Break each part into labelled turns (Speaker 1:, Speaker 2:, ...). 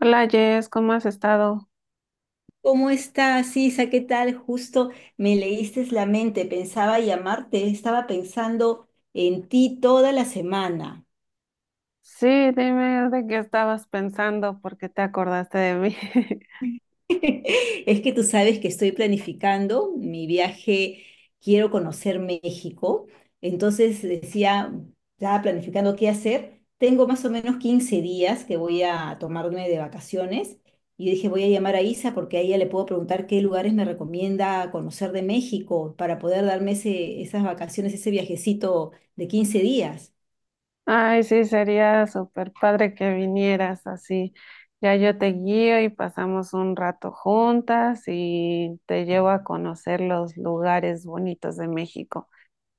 Speaker 1: Hola, Jess, ¿cómo has estado?
Speaker 2: ¿Cómo estás, Isa? ¿Qué tal? Justo me leíste la mente, pensaba llamarte, estaba pensando en ti toda la semana.
Speaker 1: Sí, dime de qué estabas pensando porque te acordaste de mí.
Speaker 2: Es que tú sabes que estoy planificando mi viaje, quiero conocer México, entonces decía, estaba planificando qué hacer. Tengo más o menos 15 días que voy a tomarme de vacaciones y dije, voy a llamar a Isa porque a ella le puedo preguntar qué lugares me recomienda conocer de México para poder darme esas vacaciones, ese viajecito de 15 días.
Speaker 1: Ay, sí, sería súper padre que vinieras así. Ya yo te guío y pasamos un rato juntas y te llevo a conocer los lugares bonitos de México.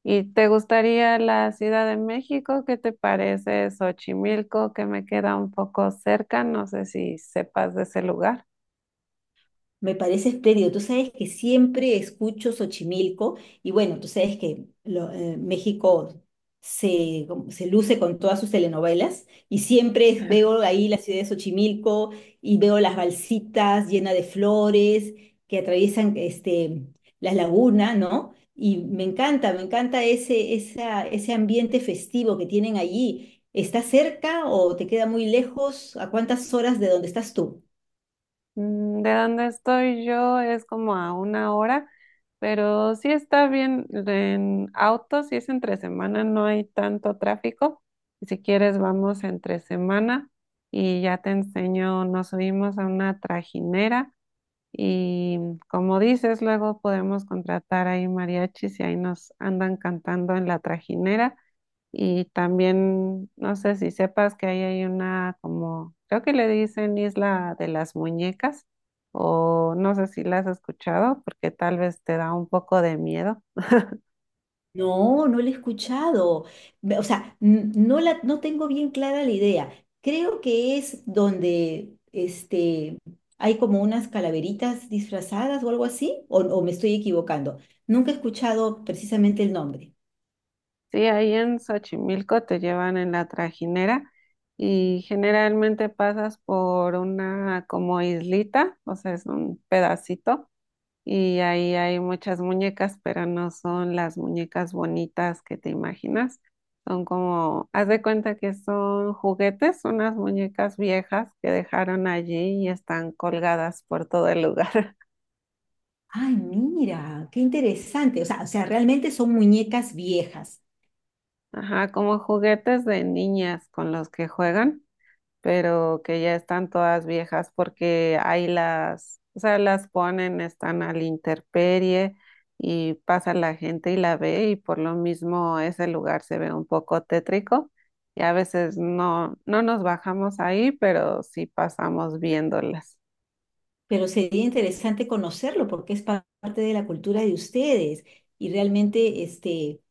Speaker 1: ¿Y te gustaría la Ciudad de México? ¿Qué te parece Xochimilco, que me queda un poco cerca? No sé si sepas de ese lugar.
Speaker 2: Me parece espléndido. Tú sabes que siempre escucho Xochimilco y bueno, tú sabes que México se luce con todas sus telenovelas y siempre veo ahí la ciudad de Xochimilco y veo las balsitas llenas de flores que atraviesan este, las lagunas, ¿no? Y me encanta ese ambiente festivo que tienen allí. ¿Está cerca o te queda muy lejos? ¿A cuántas horas de donde estás tú?
Speaker 1: De donde estoy yo es como a una hora, pero sí está bien en auto, si es entre semana no hay tanto tráfico. Y si quieres vamos entre semana y ya te enseño, nos subimos a una trajinera y, como dices, luego podemos contratar ahí mariachis y ahí nos andan cantando en la trajinera. Y también, no sé si sepas que ahí hay una, como, creo que le dicen Isla de las Muñecas, o no sé si la has escuchado, porque tal vez te da un poco de miedo.
Speaker 2: No, no la he escuchado. O sea, no tengo bien clara la idea. Creo que es donde este, hay como unas calaveritas disfrazadas o algo así, o me estoy equivocando. Nunca he escuchado precisamente el nombre.
Speaker 1: Sí, ahí en Xochimilco te llevan en la trajinera y generalmente pasas por una como islita, o sea, es un pedacito. Y ahí hay muchas muñecas, pero no son las muñecas bonitas que te imaginas. Son como, haz de cuenta que son juguetes, unas muñecas viejas que dejaron allí y están colgadas por todo el lugar.
Speaker 2: Ay, mira, qué interesante. O sea, realmente son muñecas viejas,
Speaker 1: Ajá, como juguetes de niñas con los que juegan, pero que ya están todas viejas porque ahí las, o sea, las ponen, están al intemperie, y pasa la gente y la ve y por lo mismo ese lugar se ve un poco tétrico, y a veces no, no nos bajamos ahí, pero sí pasamos viéndolas.
Speaker 2: pero sería interesante conocerlo porque es parte de la cultura de ustedes y realmente este,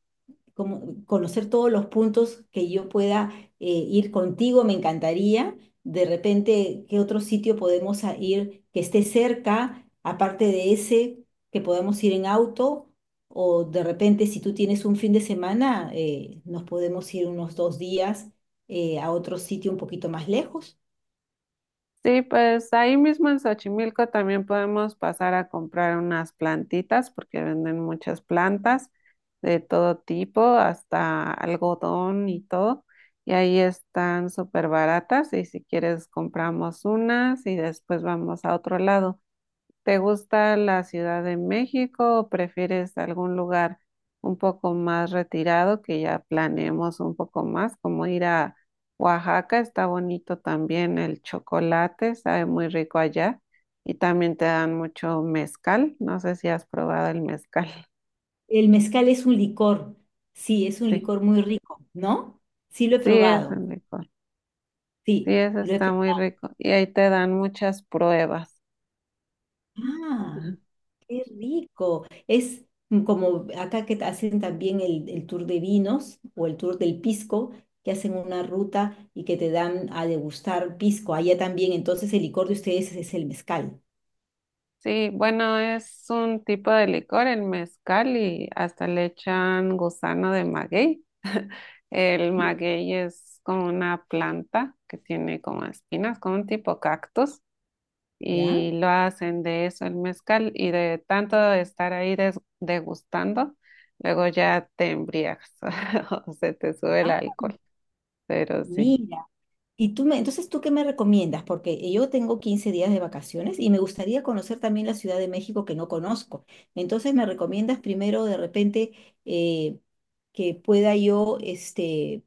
Speaker 2: como conocer todos los puntos que yo pueda, ir contigo, me encantaría. De repente, ¿qué otro sitio podemos ir que esté cerca, aparte de ese, que podamos ir en auto? O de repente, si tú tienes un fin de semana, nos podemos ir unos 2 días, a otro sitio un poquito más lejos.
Speaker 1: Sí, pues ahí mismo en Xochimilco también podemos pasar a comprar unas plantitas porque venden muchas plantas de todo tipo, hasta algodón y todo. Y ahí están súper baratas y si quieres compramos unas y después vamos a otro lado. ¿Te gusta la Ciudad de México o prefieres algún lugar un poco más retirado que ya planeemos un poco más, como ir a Oaxaca? Está bonito también el chocolate, sabe muy rico allá, y también te dan mucho mezcal. No sé si has probado el mezcal.
Speaker 2: El mezcal es un licor, sí, es un
Speaker 1: Sí,
Speaker 2: licor muy rico, ¿no? Sí, lo he
Speaker 1: sí es
Speaker 2: probado,
Speaker 1: un licor. Sí,
Speaker 2: sí,
Speaker 1: eso
Speaker 2: lo he
Speaker 1: está
Speaker 2: probado.
Speaker 1: muy rico y ahí te dan muchas pruebas.
Speaker 2: Ah. Qué rico. Es como acá que hacen también el tour de vinos o el tour del pisco, que hacen una ruta y que te dan a degustar pisco. Allá también, entonces el licor de ustedes es el mezcal.
Speaker 1: Sí, bueno, es un tipo de licor, el mezcal, y hasta le echan gusano de maguey. El maguey es como una planta que tiene como espinas, como un tipo cactus,
Speaker 2: ¿Ya?
Speaker 1: y lo hacen de eso el mezcal, y de tanto estar ahí degustando, luego ya te embriagas o se te sube el
Speaker 2: Ah,
Speaker 1: alcohol, pero sí.
Speaker 2: mira. Y entonces, ¿tú qué me recomiendas? Porque yo tengo 15 días de vacaciones y me gustaría conocer también la Ciudad de México que no conozco. Entonces, ¿me recomiendas primero de repente, eh, que pueda yo, este,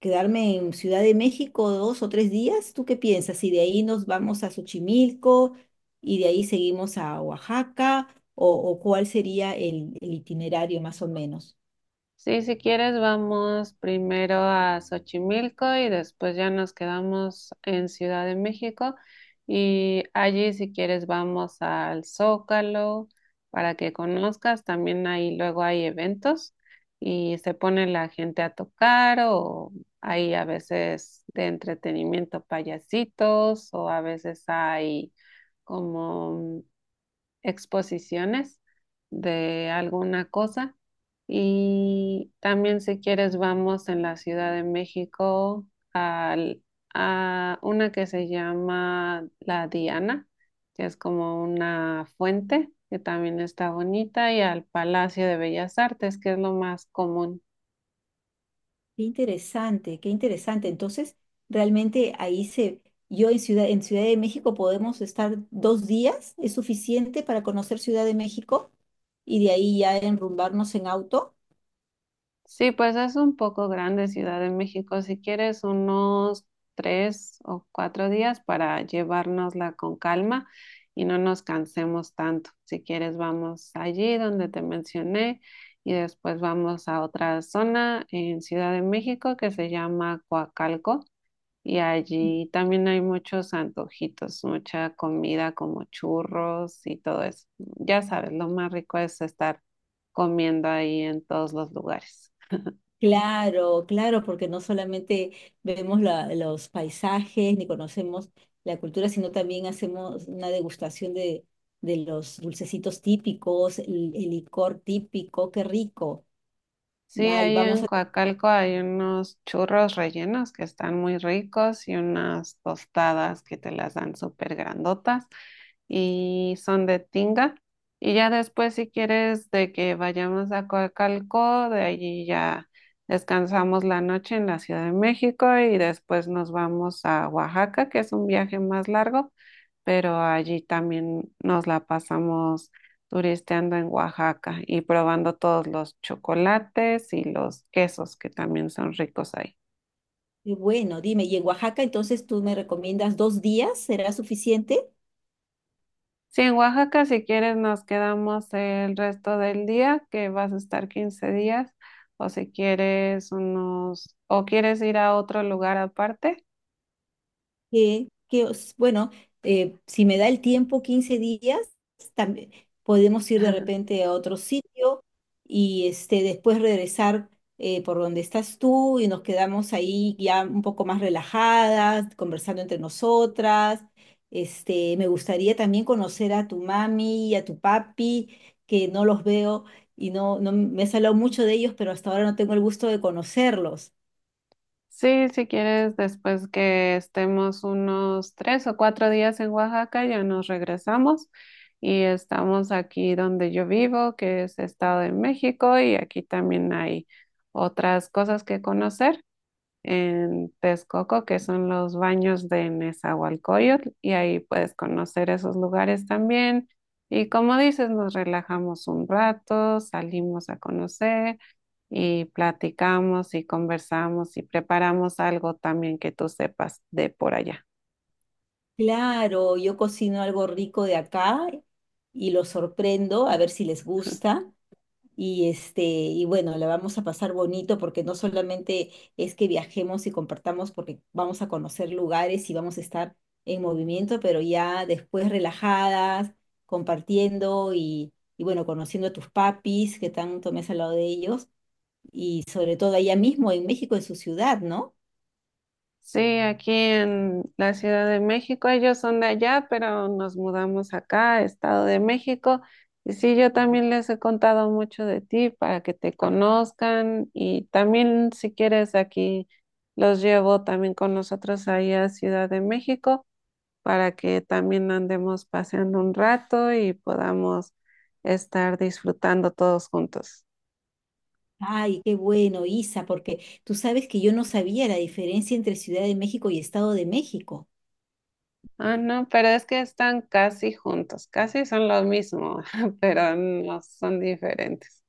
Speaker 2: quedarme en Ciudad de México 2 o 3 días? ¿Tú qué piensas? Si de ahí nos vamos a Xochimilco y de ahí seguimos a Oaxaca, o cuál sería el itinerario más o menos.
Speaker 1: Sí, si quieres, vamos primero a Xochimilco y después ya nos quedamos en Ciudad de México. Y allí, si quieres, vamos al Zócalo para que conozcas. También ahí luego hay eventos y se pone la gente a tocar, o hay a veces de entretenimiento payasitos, o a veces hay como exposiciones de alguna cosa. Y también si quieres vamos en la Ciudad de México al- a una que se llama La Diana, que es como una fuente que también está bonita, y al Palacio de Bellas Artes, que es lo más común.
Speaker 2: Qué interesante, qué interesante. Entonces, realmente ahí se, yo en en Ciudad de México podemos estar 2 días, ¿es suficiente para conocer Ciudad de México? Y de ahí ya enrumbarnos en auto.
Speaker 1: Sí, pues es un poco grande Ciudad de México. Si quieres, unos 3 o 4 días para llevárnosla con calma y no nos cansemos tanto. Si quieres, vamos allí donde te mencioné y después vamos a otra zona en Ciudad de México que se llama Coacalco, y allí también hay muchos antojitos, mucha comida como churros y todo eso. Ya sabes, lo más rico es estar comiendo ahí en todos los lugares.
Speaker 2: Claro, claro, porque no solamente vemos los paisajes ni conocemos la cultura, sino también hacemos una degustación de los dulcecitos típicos, el licor típico, qué rico.
Speaker 1: Sí,
Speaker 2: Ay,
Speaker 1: ahí
Speaker 2: vamos
Speaker 1: en
Speaker 2: a...
Speaker 1: Coacalco hay unos churros rellenos que están muy ricos y unas tostadas que te las dan súper grandotas y son de tinga. Y ya después, si quieres, de que vayamos a Coacalco, de allí ya descansamos la noche en la Ciudad de México y después nos vamos a Oaxaca, que es un viaje más largo, pero allí también nos la pasamos turisteando en Oaxaca y probando todos los chocolates y los quesos que también son ricos ahí.
Speaker 2: Qué bueno, dime, ¿y en Oaxaca entonces tú me recomiendas 2 días? ¿Será suficiente?
Speaker 1: Sí, en Oaxaca, si quieres, nos quedamos el resto del día, que vas a estar 15 días, o si quieres unos, o quieres ir a otro lugar aparte.
Speaker 2: Bueno, si me da el tiempo, 15 días, también podemos ir de repente a otro sitio y este, después regresar, por donde estás tú y nos quedamos ahí ya un poco más relajadas, conversando entre nosotras. Este, me gustaría también conocer a tu mami y a tu papi, que no los veo y no me has hablado mucho de ellos, pero hasta ahora no tengo el gusto de conocerlos.
Speaker 1: Sí, si quieres, después que estemos unos 3 o 4 días en Oaxaca, ya nos regresamos y estamos aquí donde yo vivo, que es Estado de México, y aquí también hay otras cosas que conocer en Texcoco, que son los baños de Nezahualcóyotl, y ahí puedes conocer esos lugares también. Y como dices, nos relajamos un rato, salimos a conocer y platicamos y conversamos y preparamos algo también que tú sepas de por allá.
Speaker 2: Claro, yo cocino algo rico de acá y los sorprendo a ver si les gusta. Y este, y bueno, la vamos a pasar bonito porque no solamente es que viajemos y compartamos porque vamos a conocer lugares y vamos a estar en movimiento, pero ya después relajadas, compartiendo y bueno, conociendo a tus papis que tanto me has hablado de ellos y sobre todo allá mismo en México, en su ciudad, ¿no?
Speaker 1: Sí, aquí en la Ciudad de México, ellos son de allá, pero nos mudamos acá, Estado de México. Y sí, yo también les he contado mucho de ti para que te conozcan, y también si quieres aquí los llevo también con nosotros ahí a Ciudad de México para que también andemos paseando un rato y podamos estar disfrutando todos juntos.
Speaker 2: Ay, qué bueno, Isa, porque tú sabes que yo no sabía la diferencia entre Ciudad de México y Estado de México.
Speaker 1: Ah, no, pero es que están casi juntos, casi son los mismos, pero no son diferentes.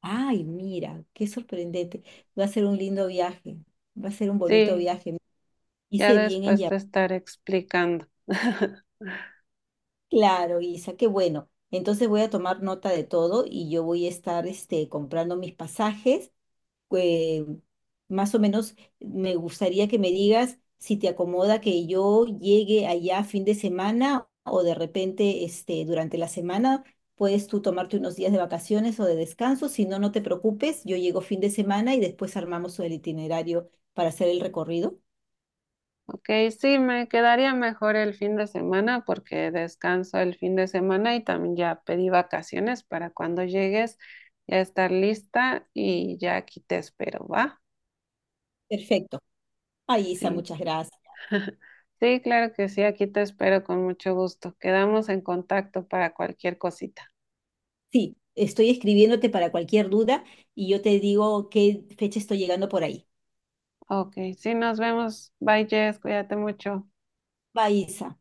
Speaker 2: Ay, mira, qué sorprendente. Va a ser un lindo viaje, va a ser un bonito
Speaker 1: Sí,
Speaker 2: viaje.
Speaker 1: ya
Speaker 2: Hice bien en
Speaker 1: después
Speaker 2: llamar.
Speaker 1: te estaré explicando.
Speaker 2: Claro, Isa, qué bueno. Entonces voy a tomar nota de todo y yo voy a estar este, comprando mis pasajes, eh, más o menos me gustaría que me digas si te acomoda que yo llegue allá fin de semana o de repente este, durante la semana. Puedes tú tomarte unos días de vacaciones o de descanso. Si no, no te preocupes. Yo llego fin de semana y después armamos el itinerario para hacer el recorrido.
Speaker 1: Ok, sí, me quedaría mejor el fin de semana porque descanso el fin de semana y también ya pedí vacaciones para cuando llegues ya estar lista, y ya aquí te espero, ¿va?
Speaker 2: Perfecto. Ay, Isa,
Speaker 1: Sí.
Speaker 2: muchas gracias.
Speaker 1: Sí, claro que sí, aquí te espero con mucho gusto. Quedamos en contacto para cualquier cosita.
Speaker 2: Sí, estoy escribiéndote para cualquier duda y yo te digo qué fecha estoy llegando por ahí.
Speaker 1: Ok, sí, nos vemos. Bye, Jess, cuídate mucho.
Speaker 2: Va, Isa.